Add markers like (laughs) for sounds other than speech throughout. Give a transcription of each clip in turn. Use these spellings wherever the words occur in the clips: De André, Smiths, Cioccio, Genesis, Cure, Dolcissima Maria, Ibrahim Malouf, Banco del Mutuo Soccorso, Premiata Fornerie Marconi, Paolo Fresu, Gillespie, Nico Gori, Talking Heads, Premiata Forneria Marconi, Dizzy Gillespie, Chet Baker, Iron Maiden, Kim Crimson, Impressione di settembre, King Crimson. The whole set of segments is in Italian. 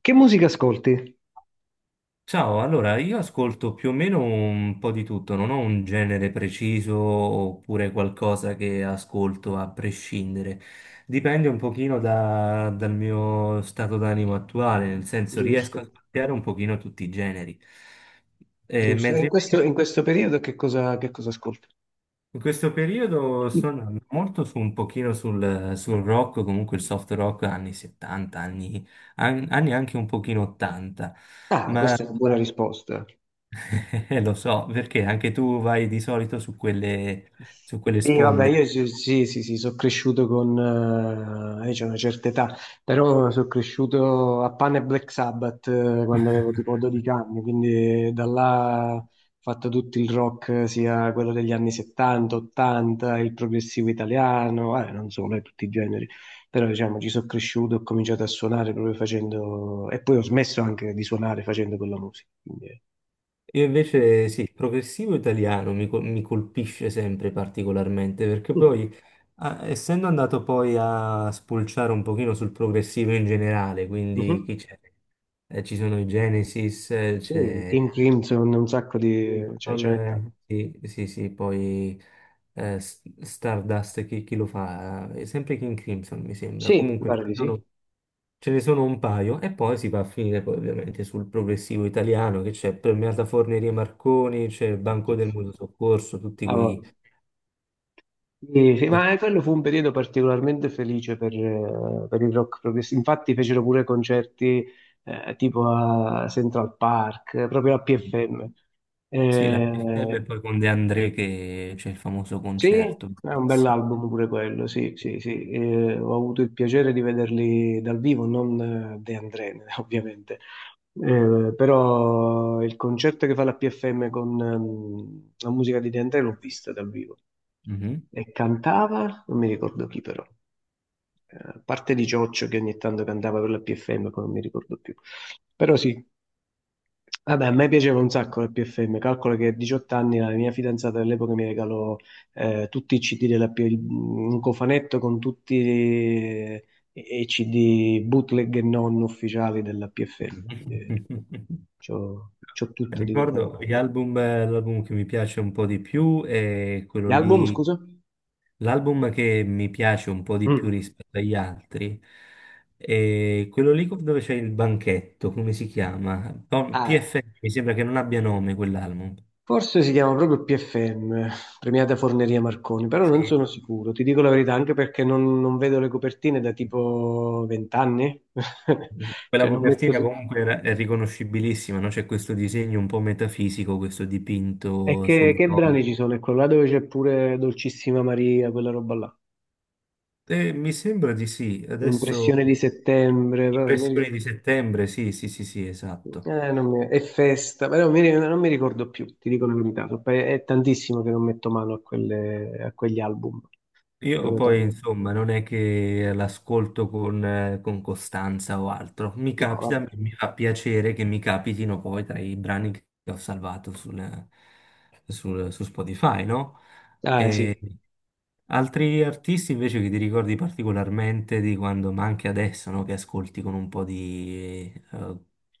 Che musica ascolti? Ciao, allora io ascolto più o meno un po' di tutto, non ho un genere preciso oppure qualcosa che ascolto a prescindere. Dipende un pochino dal mio stato d'animo attuale, nel senso riesco Giusto, a ascoltare un pochino tutti i generi. Giusto. E Mentre in questo, invece in questo periodo che cosa ascolti? in questo periodo sto andando molto su un pochino sul rock, comunque il soft rock anni 70, anni anche un pochino 80. Ah, Ma questa è una buona risposta. (laughs) Lo so, perché anche tu vai di solito su su quelle Sì, vabbè, sponde. io sì, sì, sì, sì, sono cresciuto con... C'è una certa età, però sono cresciuto a Pan e Black Sabbath quando avevo tipo 12 anni, quindi da là ho fatto tutto il rock, sia quello degli anni 70, 80, il progressivo italiano, non solo, tutti i generi, però diciamo ci sono cresciuto, ho cominciato a suonare proprio facendo... e poi ho smesso anche di suonare facendo quella musica, quindi... Io invece sì, il progressivo italiano mi colpisce sempre particolarmente, perché poi, essendo andato poi a spulciare un pochino sul progressivo in generale, quindi Mhm. chi c'è? Ci sono i Genesis, Sì, c'è Kim Crimson, un sacco di... cioè Hilton, ce n'è tanto. Sì, sì, sì, poi Stardust, chi lo fa? Sempre King Crimson, mi sembra. Sì, mi Comunque, pare di sì. ce ne sono un paio e poi si va a finire poi ovviamente sul progressivo italiano che c'è Premiata Fornerie Marconi, c'è il Banco Oddio. del Mutuo Soccorso, tutti Ah, vabbè. quei... Sì, sì, tutti- ma quello fu un periodo particolarmente felice per il rock progressivo. Infatti fecero pure concerti tipo a Central Park, proprio a PFM. Sì, la PFM e Eh, poi con De André che c'è il famoso Sì, concerto. è un Bellissimo. bell'album pure quello, sì, sì, sì. Ho avuto il piacere di vederli dal vivo, non De André, (laughs) ovviamente. Però il concerto che fa la PFM con la musica di De André l'ho vista dal vivo. Mhm. E cantava, non mi ricordo chi però, a parte di Cioccio che ogni tanto cantava per la PFM, poi non mi ricordo più. Però sì, vabbè, a me piaceva un sacco la PFM, calcolo che a 18 anni la mia fidanzata dell'epoca mi regalò tutti i CD un cofanetto con tutti i CD bootleg e non ufficiali della PFM, quindi (laughs) c'ho tutto di quella Ricordo roba. gli album, l'album che mi piace un po' di più è quello Gli album, lì scusa? L'album che mi piace un po' di più Mm. rispetto agli altri è quello lì dove c'è il banchetto, come si chiama? Ah. PFM, mi sembra che non abbia nome quell'album. Forse si chiama proprio PFM, Premiata Forneria Marconi, però non Sì. sono sicuro, ti dico la verità, anche perché non vedo le copertine da tipo 20 anni, (laughs) Quella cioè non metto... copertina comunque è riconoscibilissima, no? C'è questo disegno un po' metafisico, questo E dipinto sul che viola. brani ci sono? Ecco, là dove c'è pure Dolcissima Maria, quella roba là. Mi sembra di sì, adesso Impressione di settembre, però non mi impressioni ri- di settembre, sì, sì, sì, sì, esatto. Non mi- è festa, però non mi ricordo più, ti dico la verità. È tantissimo che non metto mano a quegli album. Io Proprio poi, tanto. insomma, non è che l'ascolto con costanza o altro. Mi No, capita, vabbè. mi fa piacere che mi capitino poi tra i brani che ho salvato su Spotify, no? Ah, eh, E sì. altri artisti invece che ti ricordi particolarmente di quando, ma anche adesso, no? Che ascolti con un po' di,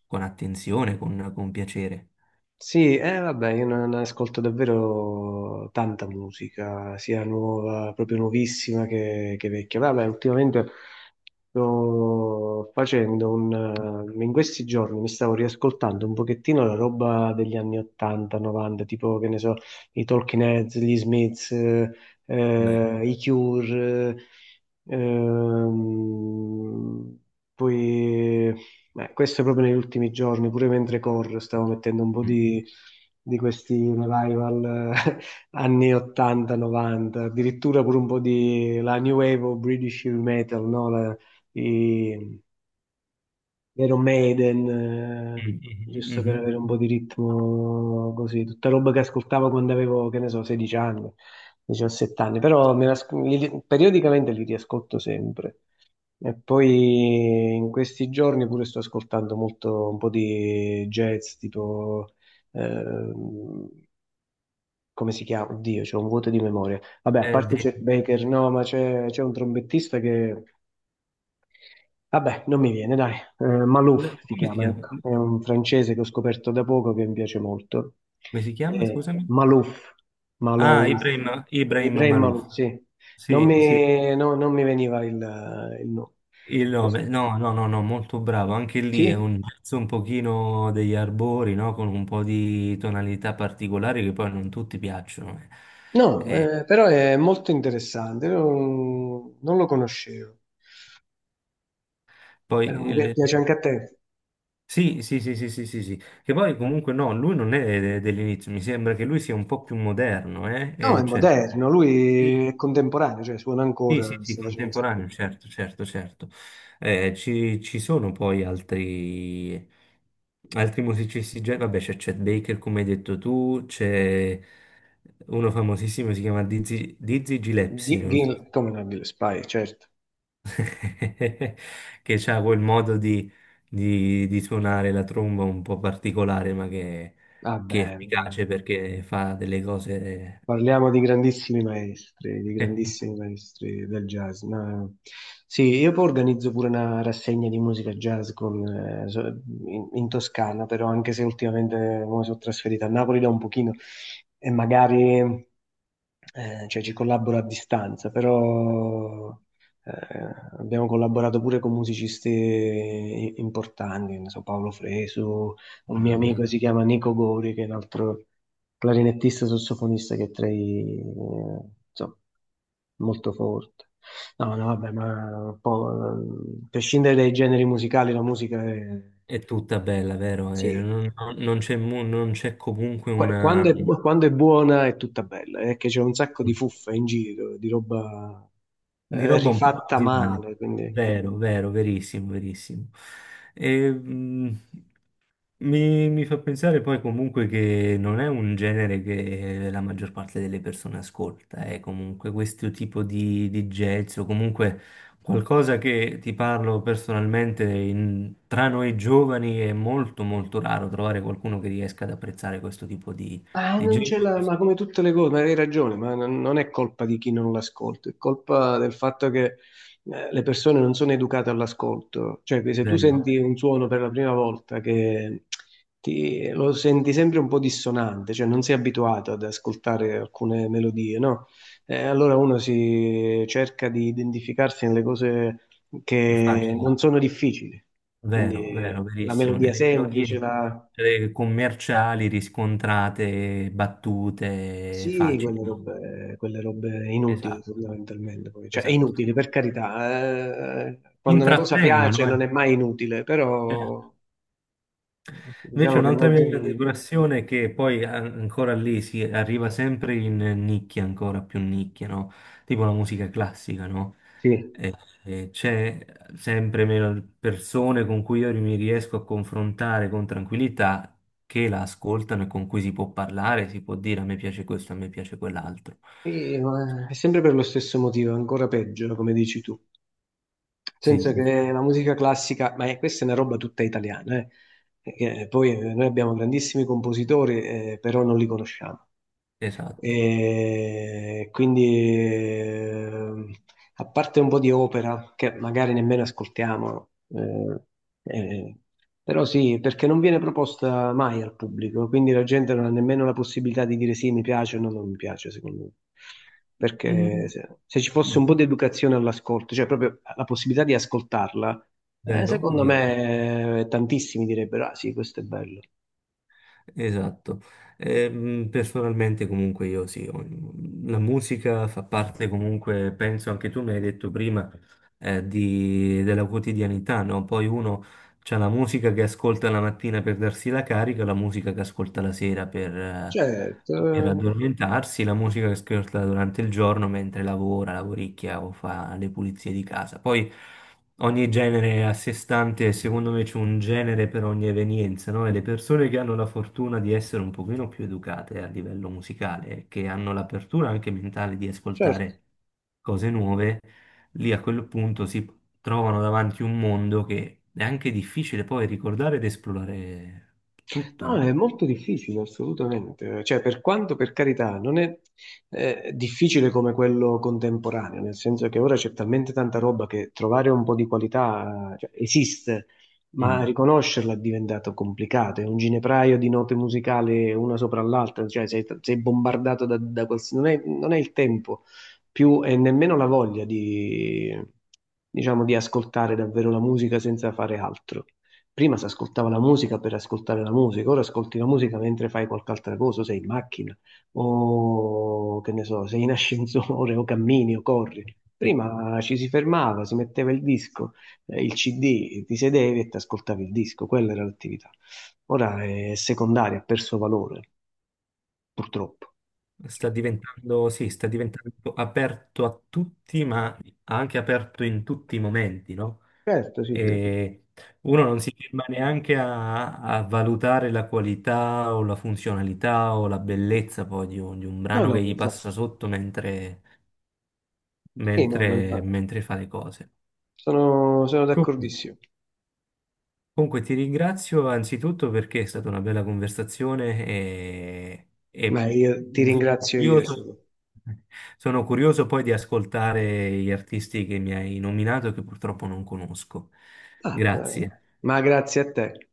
con attenzione, con piacere. Sì, vabbè, io non ascolto davvero tanta musica, sia nuova, proprio nuovissima che vecchia. Vabbè, ultimamente sto facendo un... in questi giorni mi stavo riascoltando un pochettino la roba degli anni 80, 90, tipo che ne so, i Talking Heads, gli Smiths, Beh, i Cure, eh, ehm, poi questo proprio negli ultimi giorni, pure mentre corro stavo mettendo un po' mm, di questi revival (laughs) anni 80-90, addirittura pure un po' di la New Wave o British Heavy Metal, no? I Iron Maiden, mm, mm, giusto mm, per mm. avere un po' di ritmo così, tutta roba che ascoltavo quando avevo, che ne so, 16 anni, 17 anni, però me la periodicamente li riascolto sempre. E poi in questi giorni pure sto ascoltando molto un po' di jazz, tipo, ehm, come si chiama? Oddio, c'è un vuoto di memoria. Vabbè, a Eh, parte de- Chet Baker, no, ma c'è un trombettista che vabbè, non mi viene, dai. Malouf si Come si chiama, chiama? ecco. È un francese che ho scoperto da poco che mi piace molto. Come si chiama? Scusami. Malouf, Ah, Malouf, Ibrahim, Ibrahim Ibrahim Malouf. Malouf, sì. Sì, sì, Non mi veniva il nome. il nome. No, no, no, no, molto bravo. Anche lì è Sì? un jazz un pochino degli arbori, no? Con un po' di tonalità particolari che poi non tutti piacciono. Eh. No, però è molto interessante. Non lo conoscevo. Poi Però piace il- anche a te. Sì, sì, sì, sì, sì, sì, sì. Che poi comunque no, lui non dell'inizio, mi sembra che lui sia un po' più moderno, eh? No, è Cioè... moderno, sì, lui è contemporaneo, cioè suona sì, sì, ancora, sì, sta facendo un sacco contemporaneo, certo, certo, certo. Ci sono poi altri, altri musicisti, vabbè, c'è Chet Baker, come hai detto tu, c'è uno famosissimo, si chiama Dizzy, Dizzy di... Gillespie, non so, se- Come no, Gillespie, certo. (laughs) che ha quel modo di, di suonare la tromba un po' particolare, ma che è Vabbè, efficace perché fa delle cose... parliamo di grandissimi maestri del jazz. Sì, io poi organizzo pure una rassegna di musica jazz con, in Toscana, però anche se ultimamente mi sono trasferita a Napoli da un pochino e magari cioè, ci collaboro a distanza, però eh, abbiamo collaborato pure con musicisti importanti, ne so, Paolo Fresu un mio amico (laughs) si chiama Nico Gori, che è un altro clarinettista sassofonista che è tra i, insomma, molto forte. No, no, vabbè, ma un po', a prescindere dai generi musicali, la musica è, È tutta bella, vero? E sì. Non non c'è comunque una... Quando è, quando è buona è tutta bella, è che c'è un sacco di fuffa in giro, di roba Di roba un po' rifatta originale. male, quindi... Vero, vero, verissimo, verissimo. E, mi, mi fa pensare poi comunque che non è un genere che la maggior parte delle persone ascolta, è comunque questo tipo di jazz o comunque qualcosa che ti parlo personalmente, in- tra noi giovani è molto molto raro trovare qualcuno che riesca ad apprezzare questo tipo Ah, di non c'è genere. la... Ma come tutte le cose, ma hai ragione, ma non è colpa di chi non l'ascolta, è colpa del fatto che le persone non sono educate all'ascolto. Cioè, che se tu Vero, senti un suono per la prima volta che lo senti sempre un po' dissonante, cioè non sei abituato ad ascoltare alcune melodie, no? Allora uno si cerca di identificarsi nelle cose che facile. non sono difficili, quindi Vero, vero, la verissimo. melodia Nelle semplice, melodie la... commerciali riscontrate battute Sì, facili. Quelle robe inutili Esatto, fondamentalmente. Poi. Cioè, è esatto. inutile per carità, quando una cosa piace Intrattengono, eh. non è mai inutile, Cioè, però eh, invece diciamo che un'altra mia grande passione è che poi ancora lì si arriva sempre in nicchia, ancora più nicchia, no? Tipo la musica classica, no? sì. C'è sempre meno persone con cui io mi riesco a confrontare con tranquillità che la ascoltano e con cui si può parlare, si può dire a me piace questo, a me piace quell'altro. Sì, ma è sempre per lo stesso motivo, ancora peggio, come dici tu. Nel senso Sì, che la musica classica, questa è una roba tutta italiana, che poi noi abbiamo grandissimi compositori, però non li conosciamo. esatto. E quindi, a parte un po' di opera che magari nemmeno ascoltiamo, eh, però sì, perché non viene proposta mai al pubblico, quindi la gente non ha nemmeno la possibilità di dire sì, mi piace o no, non mi piace, secondo me. Perché Mm, se ci fosse un po' di educazione all'ascolto, cioè proprio la possibilità di ascoltarla, vero, secondo vero. me tantissimi direbbero, ah sì, questo è bello. Esatto, personalmente comunque io sì, la musica fa parte comunque, penso anche tu mi hai detto prima, della quotidianità, no? Poi uno c'ha la musica che ascolta la mattina per darsi la carica, la musica che ascolta la sera Certo, per eh, addormentarsi, la musica che ascolta durante il giorno mentre lavora, lavoricchia o fa le pulizie di casa. Poi ogni genere è a sé stante, e secondo me c'è un genere per ogni evenienza, no? E le persone che hanno la fortuna di essere un pochino più educate a livello musicale, che hanno l'apertura anche mentale di certo. ascoltare cose nuove, lì a quel punto si trovano davanti un mondo che è anche difficile poi ricordare ed esplorare tutto, No, è no? molto difficile, assolutamente. Cioè, per quanto, per carità, non è difficile come quello contemporaneo, nel senso che ora c'è talmente tanta roba che trovare un po' di qualità, cioè, esiste, ma Mm. riconoscerla è diventato complicato. È un ginepraio di note musicali una sopra l'altra, cioè sei bombardato non è il tempo più e nemmeno la voglia di, diciamo, di ascoltare davvero la musica senza fare altro. Prima si ascoltava la musica per ascoltare la musica, ora ascolti la musica mentre fai qualche altra cosa, o sei in macchina, o che ne so, sei in ascensore, (laughs) o cammini, o corri. Eh, Prima ci si fermava, si metteva il disco, il CD, ti sedevi e ti ascoltavi il disco, quella era l'attività. Ora è secondaria, ha perso valore, purtroppo. sta diventando, sì, sta diventando aperto a tutti, ma anche aperto in tutti i momenti, no? Certo, sì, sì. E uno non si ferma neanche a, a valutare la qualità o la funzionalità o la bellezza poi di un No, brano no, che ma gli infatti. passa sotto mentre, Sì, no, ma infatti. mentre fa le cose. Sono Co- d'accordissimo. Comunque ti ringrazio anzitutto perché è stata una bella conversazione Ma e io ti ringrazio io. Curioso, sono curioso poi di ascoltare gli artisti che mi hai nominato e che purtroppo non conosco. Ah, Grazie. eh, ma grazie a te.